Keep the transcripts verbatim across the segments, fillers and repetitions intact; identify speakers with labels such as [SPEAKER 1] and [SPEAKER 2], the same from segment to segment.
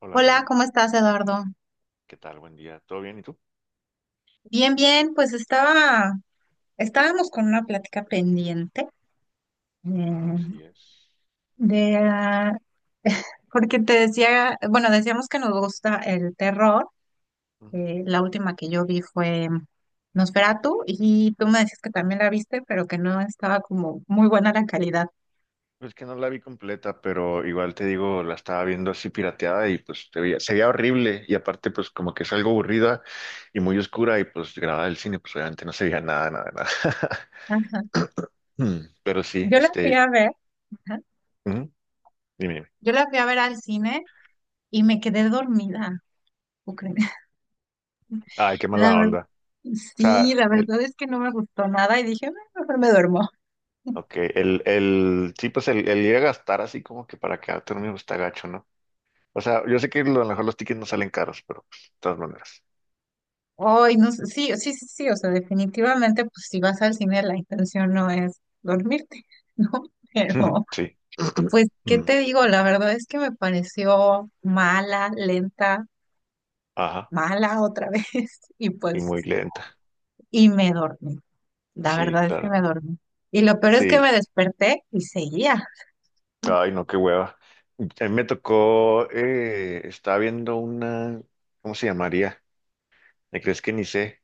[SPEAKER 1] Hola
[SPEAKER 2] Hola,
[SPEAKER 1] Miriam,
[SPEAKER 2] ¿cómo estás, Eduardo?
[SPEAKER 1] ¿qué tal? Buen día. ¿Todo bien? ¿Y tú?
[SPEAKER 2] Bien, bien, pues estaba, estábamos con una plática pendiente, eh,
[SPEAKER 1] Así es.
[SPEAKER 2] de, ah, porque te decía, bueno, decíamos que nos gusta el terror.
[SPEAKER 1] Ujú.
[SPEAKER 2] Eh, la última que yo vi fue Nosferatu y tú me decías que también la viste, pero que no estaba como muy buena la calidad.
[SPEAKER 1] Es que no la vi completa, pero igual te digo, la estaba viendo así pirateada y pues te veía- se veía horrible y aparte pues como que es algo aburrida y muy oscura y pues grabada del cine pues obviamente no se veía nada, nada, nada.
[SPEAKER 2] Ajá.
[SPEAKER 1] Mm, Pero sí,
[SPEAKER 2] Yo la fui
[SPEAKER 1] este,
[SPEAKER 2] a ver, ajá,
[SPEAKER 1] ujú, dime, dime.
[SPEAKER 2] yo la fui a ver al cine y me quedé dormida. ¿Tú crees?
[SPEAKER 1] Ay, qué
[SPEAKER 2] La
[SPEAKER 1] mala
[SPEAKER 2] verdad,
[SPEAKER 1] onda. O
[SPEAKER 2] sí,
[SPEAKER 1] sea,
[SPEAKER 2] la
[SPEAKER 1] el,
[SPEAKER 2] verdad es que no me gustó nada y dije, "Ah, mejor me duermo".
[SPEAKER 1] ok, el, el, sí, pues el, el ir a gastar así como que para quedarte dormido está gacho, ¿no? O sea, yo sé que lo- a lo mejor los tickets no salen caros, pero pues, de todas maneras.
[SPEAKER 2] Hoy, no sé, sí, sí, sí, sí, o sea, definitivamente, pues si vas al cine, la intención no es dormirte, ¿no? Pero,
[SPEAKER 1] Sí.
[SPEAKER 2] pues, ¿qué
[SPEAKER 1] Mm.
[SPEAKER 2] te digo? La verdad es que me pareció mala, lenta,
[SPEAKER 1] Ajá.
[SPEAKER 2] mala otra vez, y
[SPEAKER 1] Y
[SPEAKER 2] pues,
[SPEAKER 1] muy lenta.
[SPEAKER 2] y me dormí. La
[SPEAKER 1] Sí,
[SPEAKER 2] verdad es que
[SPEAKER 1] claro.
[SPEAKER 2] me dormí. Y lo peor es que
[SPEAKER 1] Sí.
[SPEAKER 2] me desperté y seguía.
[SPEAKER 1] Ay, no, qué hueva. A mí me tocó, eh, estaba viendo una, ¿cómo se llamaría? Me crees que ni sé,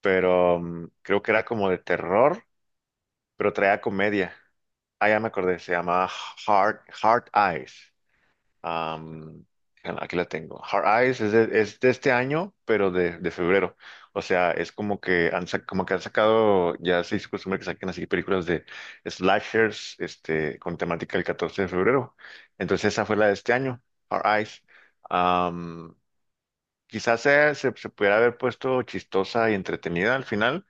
[SPEAKER 1] pero mm, creo que era como de terror, pero traía comedia. Ah, ya me acordé, se llamaba Hard, Hard Eyes. Am, bueno, aquí la tengo. Hard Eyes es de, es de este año, pero de, de febrero. O sea, es como que han, sac- como que han sacado, ya se hizo costumbre que saquen así películas de slashers, este, con temática del catorce de febrero. Entonces esa fue la de este año, Hard Eyes. Am, quizás se, se, se pudiera haber puesto chistosa y entretenida al final,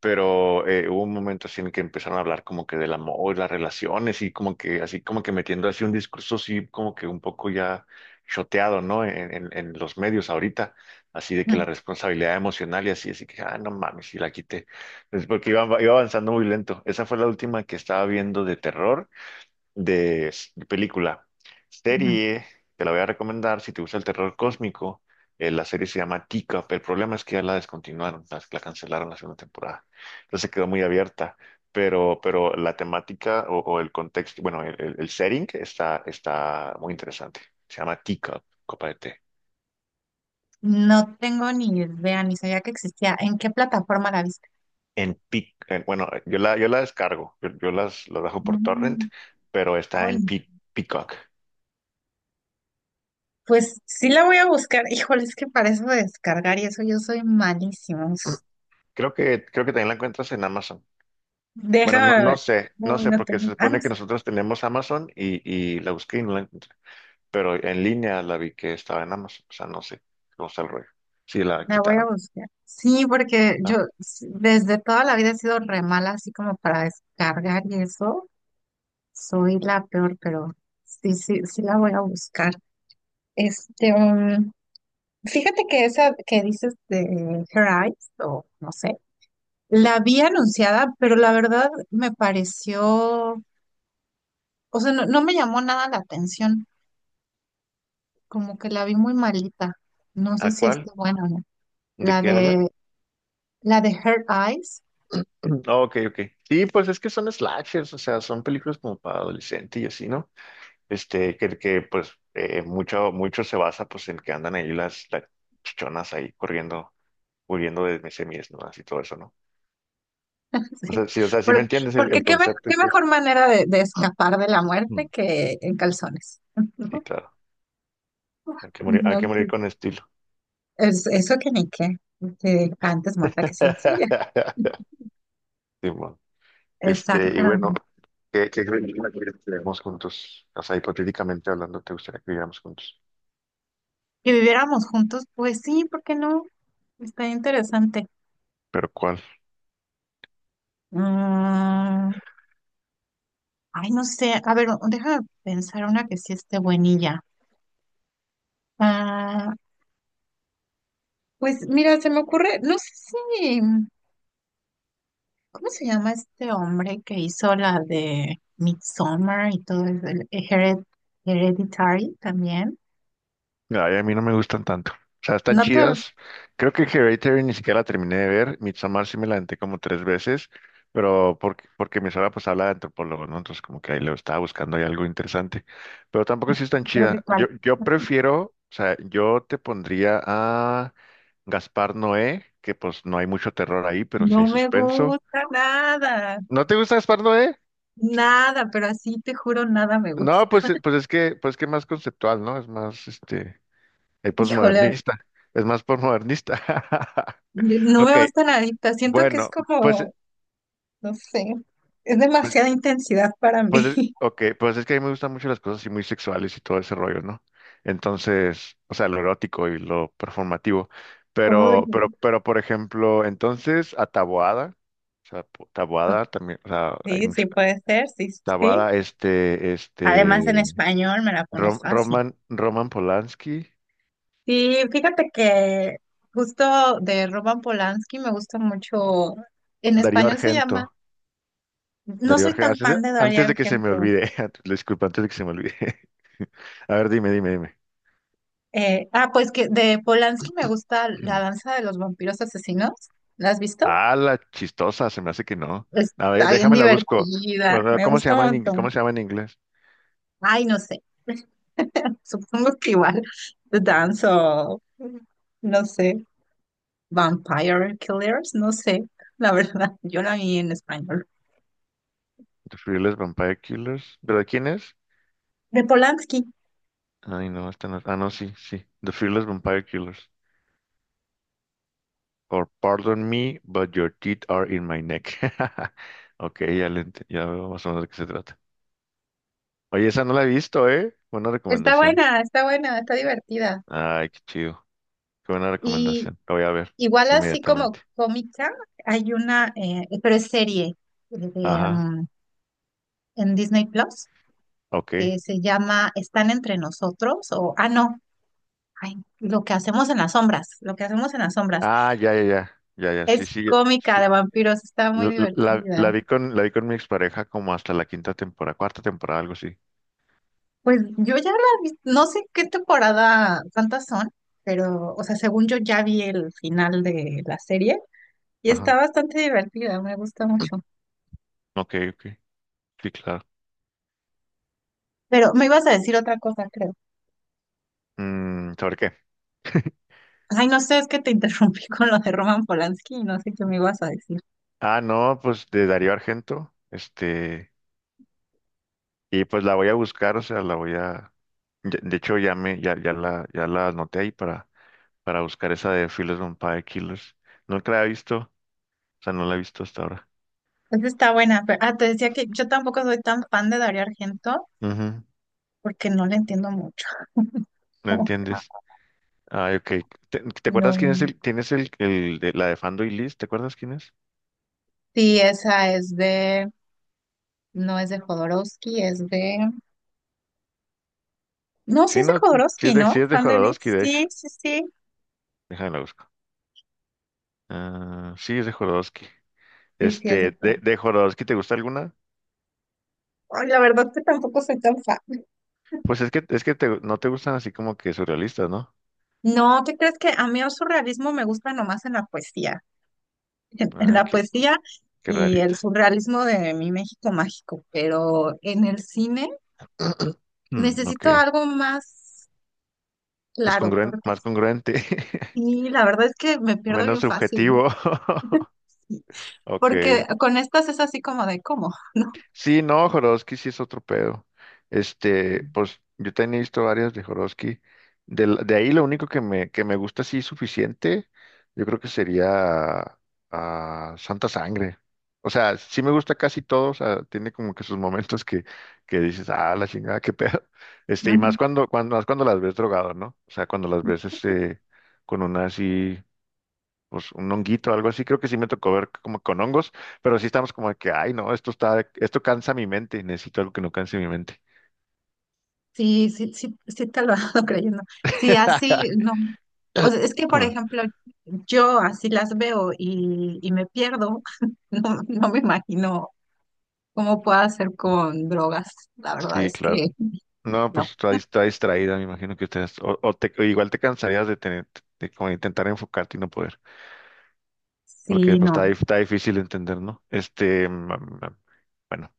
[SPEAKER 1] pero eh, hubo un momento así en el que empezaron a hablar como que del amor, las relaciones y como que así como que metiendo así un discurso así como que un poco ya choteado, ¿no? En, en- en los medios ahorita, así de que la
[SPEAKER 2] Mm,
[SPEAKER 1] responsabilidad emocional y así, así que, ah, no mames, si la quité, es porque iba, iba avanzando muy lento. Esa fue la última que estaba viendo de terror de, de película.
[SPEAKER 2] ujú.
[SPEAKER 1] Serie, te la voy a recomendar si te gusta el terror cósmico. Eh, la serie se llama Teacup. El problema es que ya la descontinuaron, las- la, cancelaron la segunda temporada. Entonces quedó muy abierta. Pero, pero la temática o, o el contexto, bueno, el, el- el setting está, está muy interesante. Se llama Teacup, copa de té.
[SPEAKER 2] No tengo ni idea, ni sabía que existía. ¿En qué plataforma la viste?
[SPEAKER 1] En Pic, en- bueno, yo la, yo la descargo, yo, yo las, las bajo por torrent,
[SPEAKER 2] Mm,
[SPEAKER 1] pero está
[SPEAKER 2] Ay,
[SPEAKER 1] en
[SPEAKER 2] no.
[SPEAKER 1] Pic- Peacock.
[SPEAKER 2] Pues sí la voy a buscar. Híjole, es que para eso de descargar y eso yo soy malísimo.
[SPEAKER 1] Creo que, creo que también la encuentras en Amazon. Bueno, no,
[SPEAKER 2] Déjame
[SPEAKER 1] no
[SPEAKER 2] ver.
[SPEAKER 1] sé, no
[SPEAKER 2] Uy,
[SPEAKER 1] sé,
[SPEAKER 2] no
[SPEAKER 1] porque
[SPEAKER 2] tengo.
[SPEAKER 1] se
[SPEAKER 2] Ah, no,
[SPEAKER 1] supone que
[SPEAKER 2] sí,
[SPEAKER 1] nosotros tenemos Amazon y, y la busqué y no la encontré, pero en línea la vi que estaba en Amazon, o sea, no sé cómo está el rollo. Sí, la
[SPEAKER 2] la voy a
[SPEAKER 1] quitaron.
[SPEAKER 2] buscar. Sí, porque yo
[SPEAKER 1] Ah,
[SPEAKER 2] s- desde toda la vida he sido re mala, así como para descargar y eso. Soy la peor, pero sí, sí, sí la voy a buscar. Este, um, Fíjate que esa que dices de Her Eyes, o no sé, la vi anunciada, pero la verdad me pareció, o sea, no no me llamó nada la atención. Como que la vi muy malita. No sé
[SPEAKER 1] ¿a
[SPEAKER 2] si
[SPEAKER 1] cuál?
[SPEAKER 2] esté buena o no.
[SPEAKER 1] ¿De
[SPEAKER 2] La
[SPEAKER 1] qué hablar?
[SPEAKER 2] de, la de Her Eyes.
[SPEAKER 1] Ah, ok, ok. Sí, pues es que son slashers, o sea, son películas como para adolescente y así, ¿no? Este, que, que pues eh, mucho, mucho se basa pues en que andan ahí las, las chichonas ahí corriendo, huyendo de semis, ¿no? Así todo eso, ¿no? O sea,
[SPEAKER 2] Sí.
[SPEAKER 1] sí, o sea, sí me
[SPEAKER 2] Por-
[SPEAKER 1] entiendes el,
[SPEAKER 2] Porque,
[SPEAKER 1] el
[SPEAKER 2] qué, me-
[SPEAKER 1] concepto y
[SPEAKER 2] qué
[SPEAKER 1] todo eso.
[SPEAKER 2] mejor manera de, de escapar de la muerte que en calzones.
[SPEAKER 1] Sí, claro. Hay que
[SPEAKER 2] No,
[SPEAKER 1] morir, hay que
[SPEAKER 2] No,
[SPEAKER 1] morir
[SPEAKER 2] que-
[SPEAKER 1] con estilo.
[SPEAKER 2] Es, eso que ni qué. Que antes muerta que sencilla.
[SPEAKER 1] Simón. Este, y bueno,
[SPEAKER 2] Exactamente.
[SPEAKER 1] ¿qué, qué crees que viviéramos juntos? O sea, hipotéticamente hablando, ¿te gustaría que viviéramos juntos?
[SPEAKER 2] Que viviéramos juntos, pues sí, ¿por qué no? Está interesante.
[SPEAKER 1] ¿Pero cuál?
[SPEAKER 2] Mm, ay, no sé. A ver, déjame pensar una que sí esté buenilla. Ah, pues mira, se me ocurre, no sé si, ¿cómo se llama este hombre que hizo la de Midsommar y todo el, el Hered- Hereditary también?
[SPEAKER 1] Ay, a mí no me gustan tanto. O sea, están
[SPEAKER 2] No te el
[SPEAKER 1] chidas. Creo que Hereditary ni siquiera la terminé de ver. Midsommar sí me la aventé como tres veces, pero porque, porque mi suegra pues habla de antropólogo, ¿no? Entonces como que ahí lo estaba buscando ahí algo interesante. Pero tampoco sí es tan chida. Yo,
[SPEAKER 2] cuál.
[SPEAKER 1] yo prefiero, o sea, yo te pondría a Gaspar Noé, que pues no hay mucho terror ahí, pero sí hay
[SPEAKER 2] No me
[SPEAKER 1] suspenso.
[SPEAKER 2] gusta nada,
[SPEAKER 1] ¿No te gusta Gaspar Noé?
[SPEAKER 2] nada, pero así te juro, nada me gusta.
[SPEAKER 1] No, pues, eh, pues es que, pues que más conceptual, ¿no? Es más, este, el
[SPEAKER 2] Híjole,
[SPEAKER 1] posmodernista. Es más posmodernista.
[SPEAKER 2] no me
[SPEAKER 1] Ok,
[SPEAKER 2] gusta nadita. Siento que es
[SPEAKER 1] bueno, pues,
[SPEAKER 2] como, no sé, es
[SPEAKER 1] pues,
[SPEAKER 2] demasiada intensidad para
[SPEAKER 1] pues, es-
[SPEAKER 2] mí.
[SPEAKER 1] ok, pues es que a mí me gustan mucho las cosas así muy sexuales y todo ese rollo, ¿no? Entonces, o sea, lo erótico y lo performativo. Pero, pero,
[SPEAKER 2] Oye,
[SPEAKER 1] pero, por ejemplo, entonces, a Taboada, o sea, po- Taboada también, o sea, hay
[SPEAKER 2] sí,
[SPEAKER 1] mucho,
[SPEAKER 2] sí puede ser, sí, sí. sí.
[SPEAKER 1] Taboada, este,
[SPEAKER 2] Además, en
[SPEAKER 1] este,
[SPEAKER 2] español me la pones
[SPEAKER 1] Rom-
[SPEAKER 2] fácil.
[SPEAKER 1] Roman, Roman Polanski,
[SPEAKER 2] Sí, fíjate que justo de Roman Polanski me gusta mucho, en
[SPEAKER 1] Darío
[SPEAKER 2] español se llama,
[SPEAKER 1] Argento,
[SPEAKER 2] no
[SPEAKER 1] Darío
[SPEAKER 2] soy
[SPEAKER 1] Argento,
[SPEAKER 2] tan
[SPEAKER 1] antes
[SPEAKER 2] fan
[SPEAKER 1] de
[SPEAKER 2] de Darío
[SPEAKER 1] antes de que se me
[SPEAKER 2] Argento.
[SPEAKER 1] olvide, antes- disculpa, antes de que se me olvide. A ver, dime, dime, dime.
[SPEAKER 2] Eh, ah, pues que de Polanski me gusta La danza de los vampiros asesinos. ¿La has visto?
[SPEAKER 1] Ah, la chistosa, se me hace que no. A ver,
[SPEAKER 2] Está bien
[SPEAKER 1] déjame la busco.
[SPEAKER 2] divertida,
[SPEAKER 1] O sea,
[SPEAKER 2] me
[SPEAKER 1] ¿cómo se
[SPEAKER 2] gusta un
[SPEAKER 1] llama en inglés? ¿Cómo
[SPEAKER 2] montón.
[SPEAKER 1] se llama en inglés?
[SPEAKER 2] Ay, no sé, supongo que igual danzo, no sé, Vampire Killers, no sé, la verdad, yo la vi en español.
[SPEAKER 1] The Fearless Vampire Killers. ¿Pero de quién es?
[SPEAKER 2] De Polanski.
[SPEAKER 1] Ay, no, esta no. Ah, no, sí, sí. The Fearless Vampire Killers. Or Pardon Me, but your teeth are in my neck. Ok, ya, le ent- ya veo más o menos de qué se trata. Oye, esa no la he visto, ¿eh? Buena
[SPEAKER 2] Está
[SPEAKER 1] recomendación.
[SPEAKER 2] buena, está buena, está divertida.
[SPEAKER 1] Ay, qué chido. Qué buena
[SPEAKER 2] Y
[SPEAKER 1] recomendación. La voy a ver
[SPEAKER 2] igual así como
[SPEAKER 1] inmediatamente.
[SPEAKER 2] cómica, hay una, eh, pero es serie eh, de,
[SPEAKER 1] Ajá,
[SPEAKER 2] um, en Disney Plus
[SPEAKER 1] ok.
[SPEAKER 2] que se llama Están entre nosotros o, ah, no, ay, lo que hacemos en las sombras, lo que hacemos en las sombras.
[SPEAKER 1] Ah, ya, ya, ya. Ya, ya, sí,
[SPEAKER 2] Es
[SPEAKER 1] sí.
[SPEAKER 2] cómica de vampiros, está muy
[SPEAKER 1] La, la-
[SPEAKER 2] divertida.
[SPEAKER 1] la vi con, la vi con mi expareja como hasta la quinta temporada, cuarta temporada, algo así.
[SPEAKER 2] Pues yo ya la vi, no sé qué temporada, cuántas son, pero, o sea, según yo ya vi el final de la serie. Y
[SPEAKER 1] Ajá.
[SPEAKER 2] está bastante divertida, me gusta mucho.
[SPEAKER 1] Ok, ok. Sí, claro.
[SPEAKER 2] Pero me ibas a decir otra cosa, creo.
[SPEAKER 1] Mm, ¿sobre qué?
[SPEAKER 2] Ay, no sé, es que te interrumpí con lo de Roman Polanski, no sé qué me ibas a decir.
[SPEAKER 1] Ah, no, pues de Darío Argento. Este, y pues la voy a buscar, o sea, la voy a. ya- De hecho, ya me, ya, ya la, ya la anoté ahí para, para, buscar esa de Fearless Vampire Killers. Nunca la he visto, o sea, no la he visto hasta ahora.
[SPEAKER 2] Esa está buena, pero ah, te decía que yo tampoco soy tan fan de Dario Argento
[SPEAKER 1] Ujú,
[SPEAKER 2] porque no le entiendo mucho.
[SPEAKER 1] ¿no entiendes? Ah, ok. ¿Te, te acuerdas quién
[SPEAKER 2] No.
[SPEAKER 1] es el, quién es el, el de la de Fando y Liz? ¿Te acuerdas quién es?
[SPEAKER 2] Sí, esa es de, no es de Jodorowsky, es de, no, sí
[SPEAKER 1] Sí,
[SPEAKER 2] es de
[SPEAKER 1] no, sí es
[SPEAKER 2] Jodorowsky,
[SPEAKER 1] de, sí
[SPEAKER 2] ¿no?
[SPEAKER 1] es de
[SPEAKER 2] Fan de mí.
[SPEAKER 1] Jorodowski, de hecho.
[SPEAKER 2] Sí, sí, sí.
[SPEAKER 1] Déjame la busco. Ah, sí, es de Jorodowski.
[SPEAKER 2] Sí, sí, es de.
[SPEAKER 1] Este, de, de, Jorodowski, ¿te gusta alguna?
[SPEAKER 2] Ay, la verdad que tampoco soy tan fan.
[SPEAKER 1] Pues es que, es que te- no te gustan así como que surrealistas, ¿no?
[SPEAKER 2] No, ¿qué crees que a mí el surrealismo me gusta nomás en la poesía? En
[SPEAKER 1] Ah,
[SPEAKER 2] la
[SPEAKER 1] qué,
[SPEAKER 2] poesía
[SPEAKER 1] qué
[SPEAKER 2] y el
[SPEAKER 1] rarita.
[SPEAKER 2] surrealismo de mi México mágico, pero en el cine
[SPEAKER 1] Mm, ok.
[SPEAKER 2] necesito algo más
[SPEAKER 1] Es
[SPEAKER 2] claro,
[SPEAKER 1] congruente,
[SPEAKER 2] porque
[SPEAKER 1] más congruente.
[SPEAKER 2] sí, la verdad es que me pierdo
[SPEAKER 1] Menos
[SPEAKER 2] bien fácil.
[SPEAKER 1] subjetivo. Ok.
[SPEAKER 2] Porque con estas es así como de cómo, ¿no?
[SPEAKER 1] Sí, no, Jodorowsky sí es otro pedo. Este, pues yo también he visto varias de Jodorowsky. De, la- de ahí lo único que me, que me gusta así suficiente, yo creo que sería ah, Santa Sangre. O sea, sí me gusta casi todo, o sea, tiene como que sus momentos que, que dices, ah, la chingada, qué pedo. Este, y más
[SPEAKER 2] Ujú.
[SPEAKER 1] cuando, cuando, más cuando las ves drogado, ¿no? O sea, cuando las ves este, con una así pues un honguito, algo así, creo que sí me tocó ver como con hongos, pero sí estamos como de que, ay, no, esto está, esto cansa mi mente, necesito algo que no canse mi mente.
[SPEAKER 2] Sí, sí, sí, sí te lo ando creyendo. Sí, así, no. O sea, es que, por ejemplo, yo así las veo y, y me pierdo. No, no me imagino cómo pueda hacer con drogas. La verdad
[SPEAKER 1] Sí,
[SPEAKER 2] es
[SPEAKER 1] claro.
[SPEAKER 2] que
[SPEAKER 1] No,
[SPEAKER 2] no.
[SPEAKER 1] pues está, dis- está distraída, me imagino que ustedes, o, o te- o igual te cansarías de tener, de como intentar enfocarte y no poder, porque
[SPEAKER 2] Sí,
[SPEAKER 1] pues está,
[SPEAKER 2] no.
[SPEAKER 1] dif- está difícil de entender, ¿no? Este, mm, mm, bueno,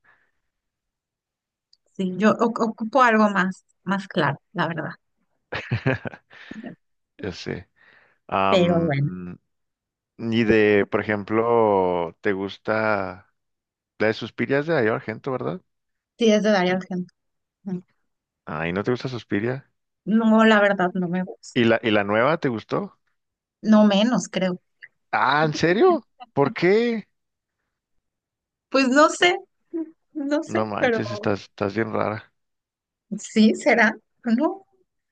[SPEAKER 2] Sí, yo o- ocupo algo más, más claro, la verdad.
[SPEAKER 1] ya sé.
[SPEAKER 2] Pero
[SPEAKER 1] Am,
[SPEAKER 2] bueno,
[SPEAKER 1] mm, y de, por ejemplo, ¿te gusta la de Suspirias de Darío Argento, verdad?
[SPEAKER 2] sí es de Darío gente.
[SPEAKER 1] Ay, ¿no te gusta Suspiria?
[SPEAKER 2] No, la verdad no me gusta.
[SPEAKER 1] ¿Y la, y la nueva te gustó?
[SPEAKER 2] No menos, creo.
[SPEAKER 1] Ah, ¿en serio? ¿Por qué?
[SPEAKER 2] Pues no sé, no sé,
[SPEAKER 1] No
[SPEAKER 2] pero
[SPEAKER 1] manches, estás, estás bien rara.
[SPEAKER 2] sí será. No.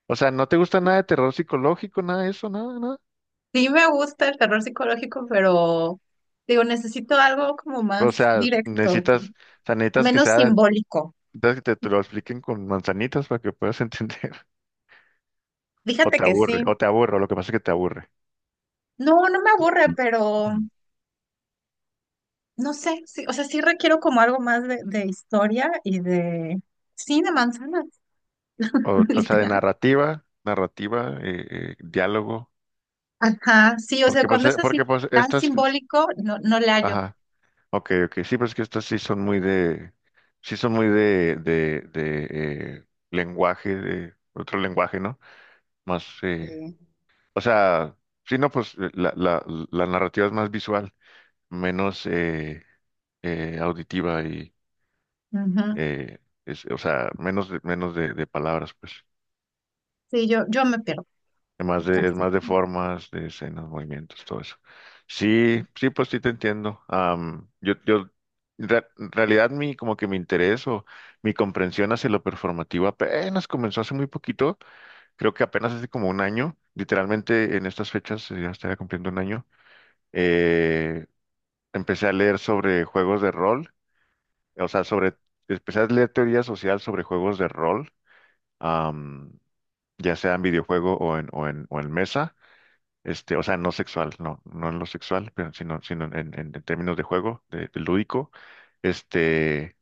[SPEAKER 1] O sea, ¿no te gusta nada de terror psicológico, nada de eso, nada, nada?
[SPEAKER 2] Sí me gusta el terror psicológico, pero digo, necesito algo como
[SPEAKER 1] O
[SPEAKER 2] más
[SPEAKER 1] sea,
[SPEAKER 2] directo,
[SPEAKER 1] necesitas, o sea, necesitas que
[SPEAKER 2] menos
[SPEAKER 1] sea,
[SPEAKER 2] simbólico.
[SPEAKER 1] necesitas que te, te lo expliquen con manzanitas para que puedas entender. O
[SPEAKER 2] Fíjate
[SPEAKER 1] te
[SPEAKER 2] que
[SPEAKER 1] aburre,
[SPEAKER 2] sí.
[SPEAKER 1] o te aburre, o lo que pasa es que te aburre.
[SPEAKER 2] No, no me aburre,
[SPEAKER 1] Ujú.
[SPEAKER 2] pero no sé, sí, o sea, sí requiero como algo más de, de historia y de, sí, de manzanas,
[SPEAKER 1] O, o sea, de
[SPEAKER 2] literal.
[SPEAKER 1] narrativa, narrativa, eh, eh, diálogo.
[SPEAKER 2] Ajá, sí, o sea,
[SPEAKER 1] Porque pues,
[SPEAKER 2] cuando
[SPEAKER 1] eh,
[SPEAKER 2] es así
[SPEAKER 1] porque pues
[SPEAKER 2] tan
[SPEAKER 1] estas, pues,
[SPEAKER 2] simbólico, no, no le hallo.
[SPEAKER 1] ajá. Ok, ok, sí, pero es que estas sí son muy de, sí son muy de, de, de eh, lenguaje, de otro lenguaje, ¿no? Más, eh,
[SPEAKER 2] Sí.
[SPEAKER 1] o sea, sí, no, pues eh, la, la, la narrativa es más visual, menos eh, eh, auditiva y,
[SPEAKER 2] Ujú.
[SPEAKER 1] eh, es, o sea, menos, de- menos de, de palabras, pues.
[SPEAKER 2] Sí, yo, yo me pierdo.
[SPEAKER 1] Es más de, es
[SPEAKER 2] Así.
[SPEAKER 1] más de formas, de escenas, movimientos, todo eso. Sí, sí, pues sí te entiendo. Am, yo, yo, en rea- en realidad mi, como que mi interés o mi comprensión hacia lo performativo apenas comenzó hace muy poquito. Creo que apenas hace como un año, literalmente en estas fechas, eh, ya estaría cumpliendo un año. eh, Empecé a leer sobre juegos de rol, o sea, sobre, empecé a leer teoría social sobre juegos de rol, am, ya sea en videojuego o en, o en, o en mesa. Este, o sea, no sexual, no, no en lo sexual, pero sino, sino en, en- en términos de juego, de, de lúdico. Este,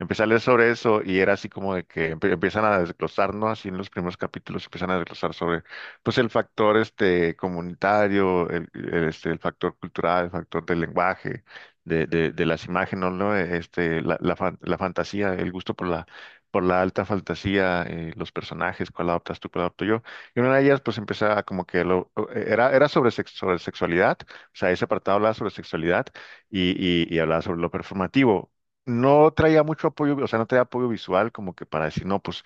[SPEAKER 1] Empecé a leer sobre eso y era así como de que empe- empiezan a desglosar, ¿no? Así en los primeros capítulos empiezan a desglosar sobre, pues, el factor este comunitario, el, el, este, el factor cultural, el factor del lenguaje, de, de, de las imágenes, ¿no? Este, la, la, fan- la fantasía, el gusto por la, por la alta fantasía, eh, los personajes, cuál adoptas tú, cuál adopto yo. Y una de ellas, pues, empezaba como que lo, era, era sobre, sex- sobre sexualidad, o sea, ese apartado hablaba sobre sexualidad y, y, y, hablaba sobre lo performativo, no traía mucho apoyo, o sea, no traía apoyo visual como que para decir, no, pues,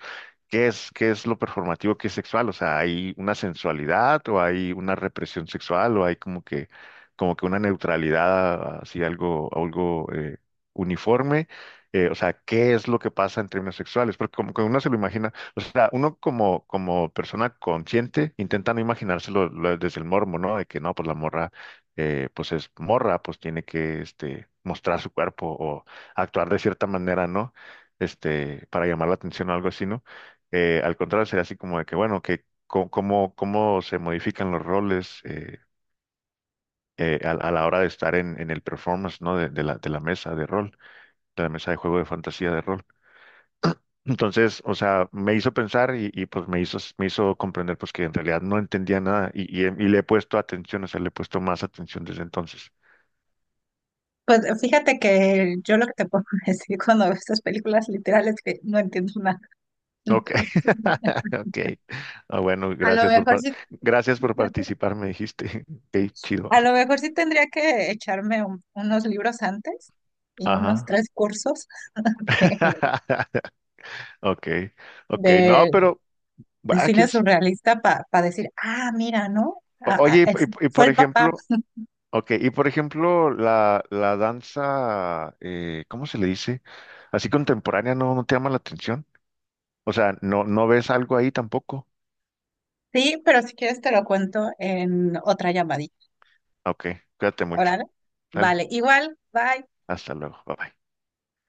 [SPEAKER 1] ¿qué es, qué es, lo performativo, qué es sexual? O sea, ¿hay una sensualidad o hay una represión sexual o hay como que, como que una neutralidad, así algo, algo eh, uniforme? Eh, o sea, ¿qué es lo que pasa en términos sexuales? Porque como que uno se lo imagina, o sea, uno como, como persona consciente intenta no imaginárselo, lo- desde el morbo, ¿no? De que no, pues la morra eh, pues es morra, pues tiene que este, mostrar su cuerpo, actuar de cierta manera, ¿no? Este, para llamar la atención o algo así, ¿no? Eh, al contrario, sería así como de que, bueno, que co- cómo, cómo se modifican los roles eh, eh, a, a la hora de estar en, en el performance, ¿no? De, de la, de la mesa de rol, de la mesa de juego de fantasía de rol. Entonces, o sea, me hizo pensar y, y, pues me hizo, me hizo, comprender pues que en realidad no entendía nada y, y, he- y le he puesto atención, o sea, le he puesto más atención desde entonces.
[SPEAKER 2] Pues fíjate que yo lo que te puedo decir cuando veo estas películas literales es que no entiendo nada.
[SPEAKER 1] Ok,
[SPEAKER 2] Entonces,
[SPEAKER 1] ok. Ah, bueno,
[SPEAKER 2] a lo
[SPEAKER 1] gracias por,
[SPEAKER 2] mejor
[SPEAKER 1] par-
[SPEAKER 2] sí,
[SPEAKER 1] gracias por participar, me dijiste. Ok, chido.
[SPEAKER 2] a lo mejor sí tendría que echarme un- unos libros antes y unos
[SPEAKER 1] Ajá.
[SPEAKER 2] tres cursos de,
[SPEAKER 1] Ok, ok. No,
[SPEAKER 2] de-
[SPEAKER 1] pero,
[SPEAKER 2] de
[SPEAKER 1] va, ¿quién
[SPEAKER 2] cine
[SPEAKER 1] s-
[SPEAKER 2] surrealista para decir, ah, mira, ¿no?
[SPEAKER 1] o-
[SPEAKER 2] Ah, ah,
[SPEAKER 1] oye, y, p-
[SPEAKER 2] es-
[SPEAKER 1] y p- y
[SPEAKER 2] fue
[SPEAKER 1] por
[SPEAKER 2] el papá.
[SPEAKER 1] ejemplo, ok, y por ejemplo, la, la danza, eh, ¿cómo se le dice? Así contemporánea, ¿no, no te llama la atención? O sea, ¿no, no ves algo ahí tampoco?
[SPEAKER 2] Sí, pero si quieres te lo cuento en otra llamadita.
[SPEAKER 1] Ok, cuídate mucho.
[SPEAKER 2] Órale.
[SPEAKER 1] Sale,
[SPEAKER 2] Vale, igual, bye.
[SPEAKER 1] hasta luego. Bye bye.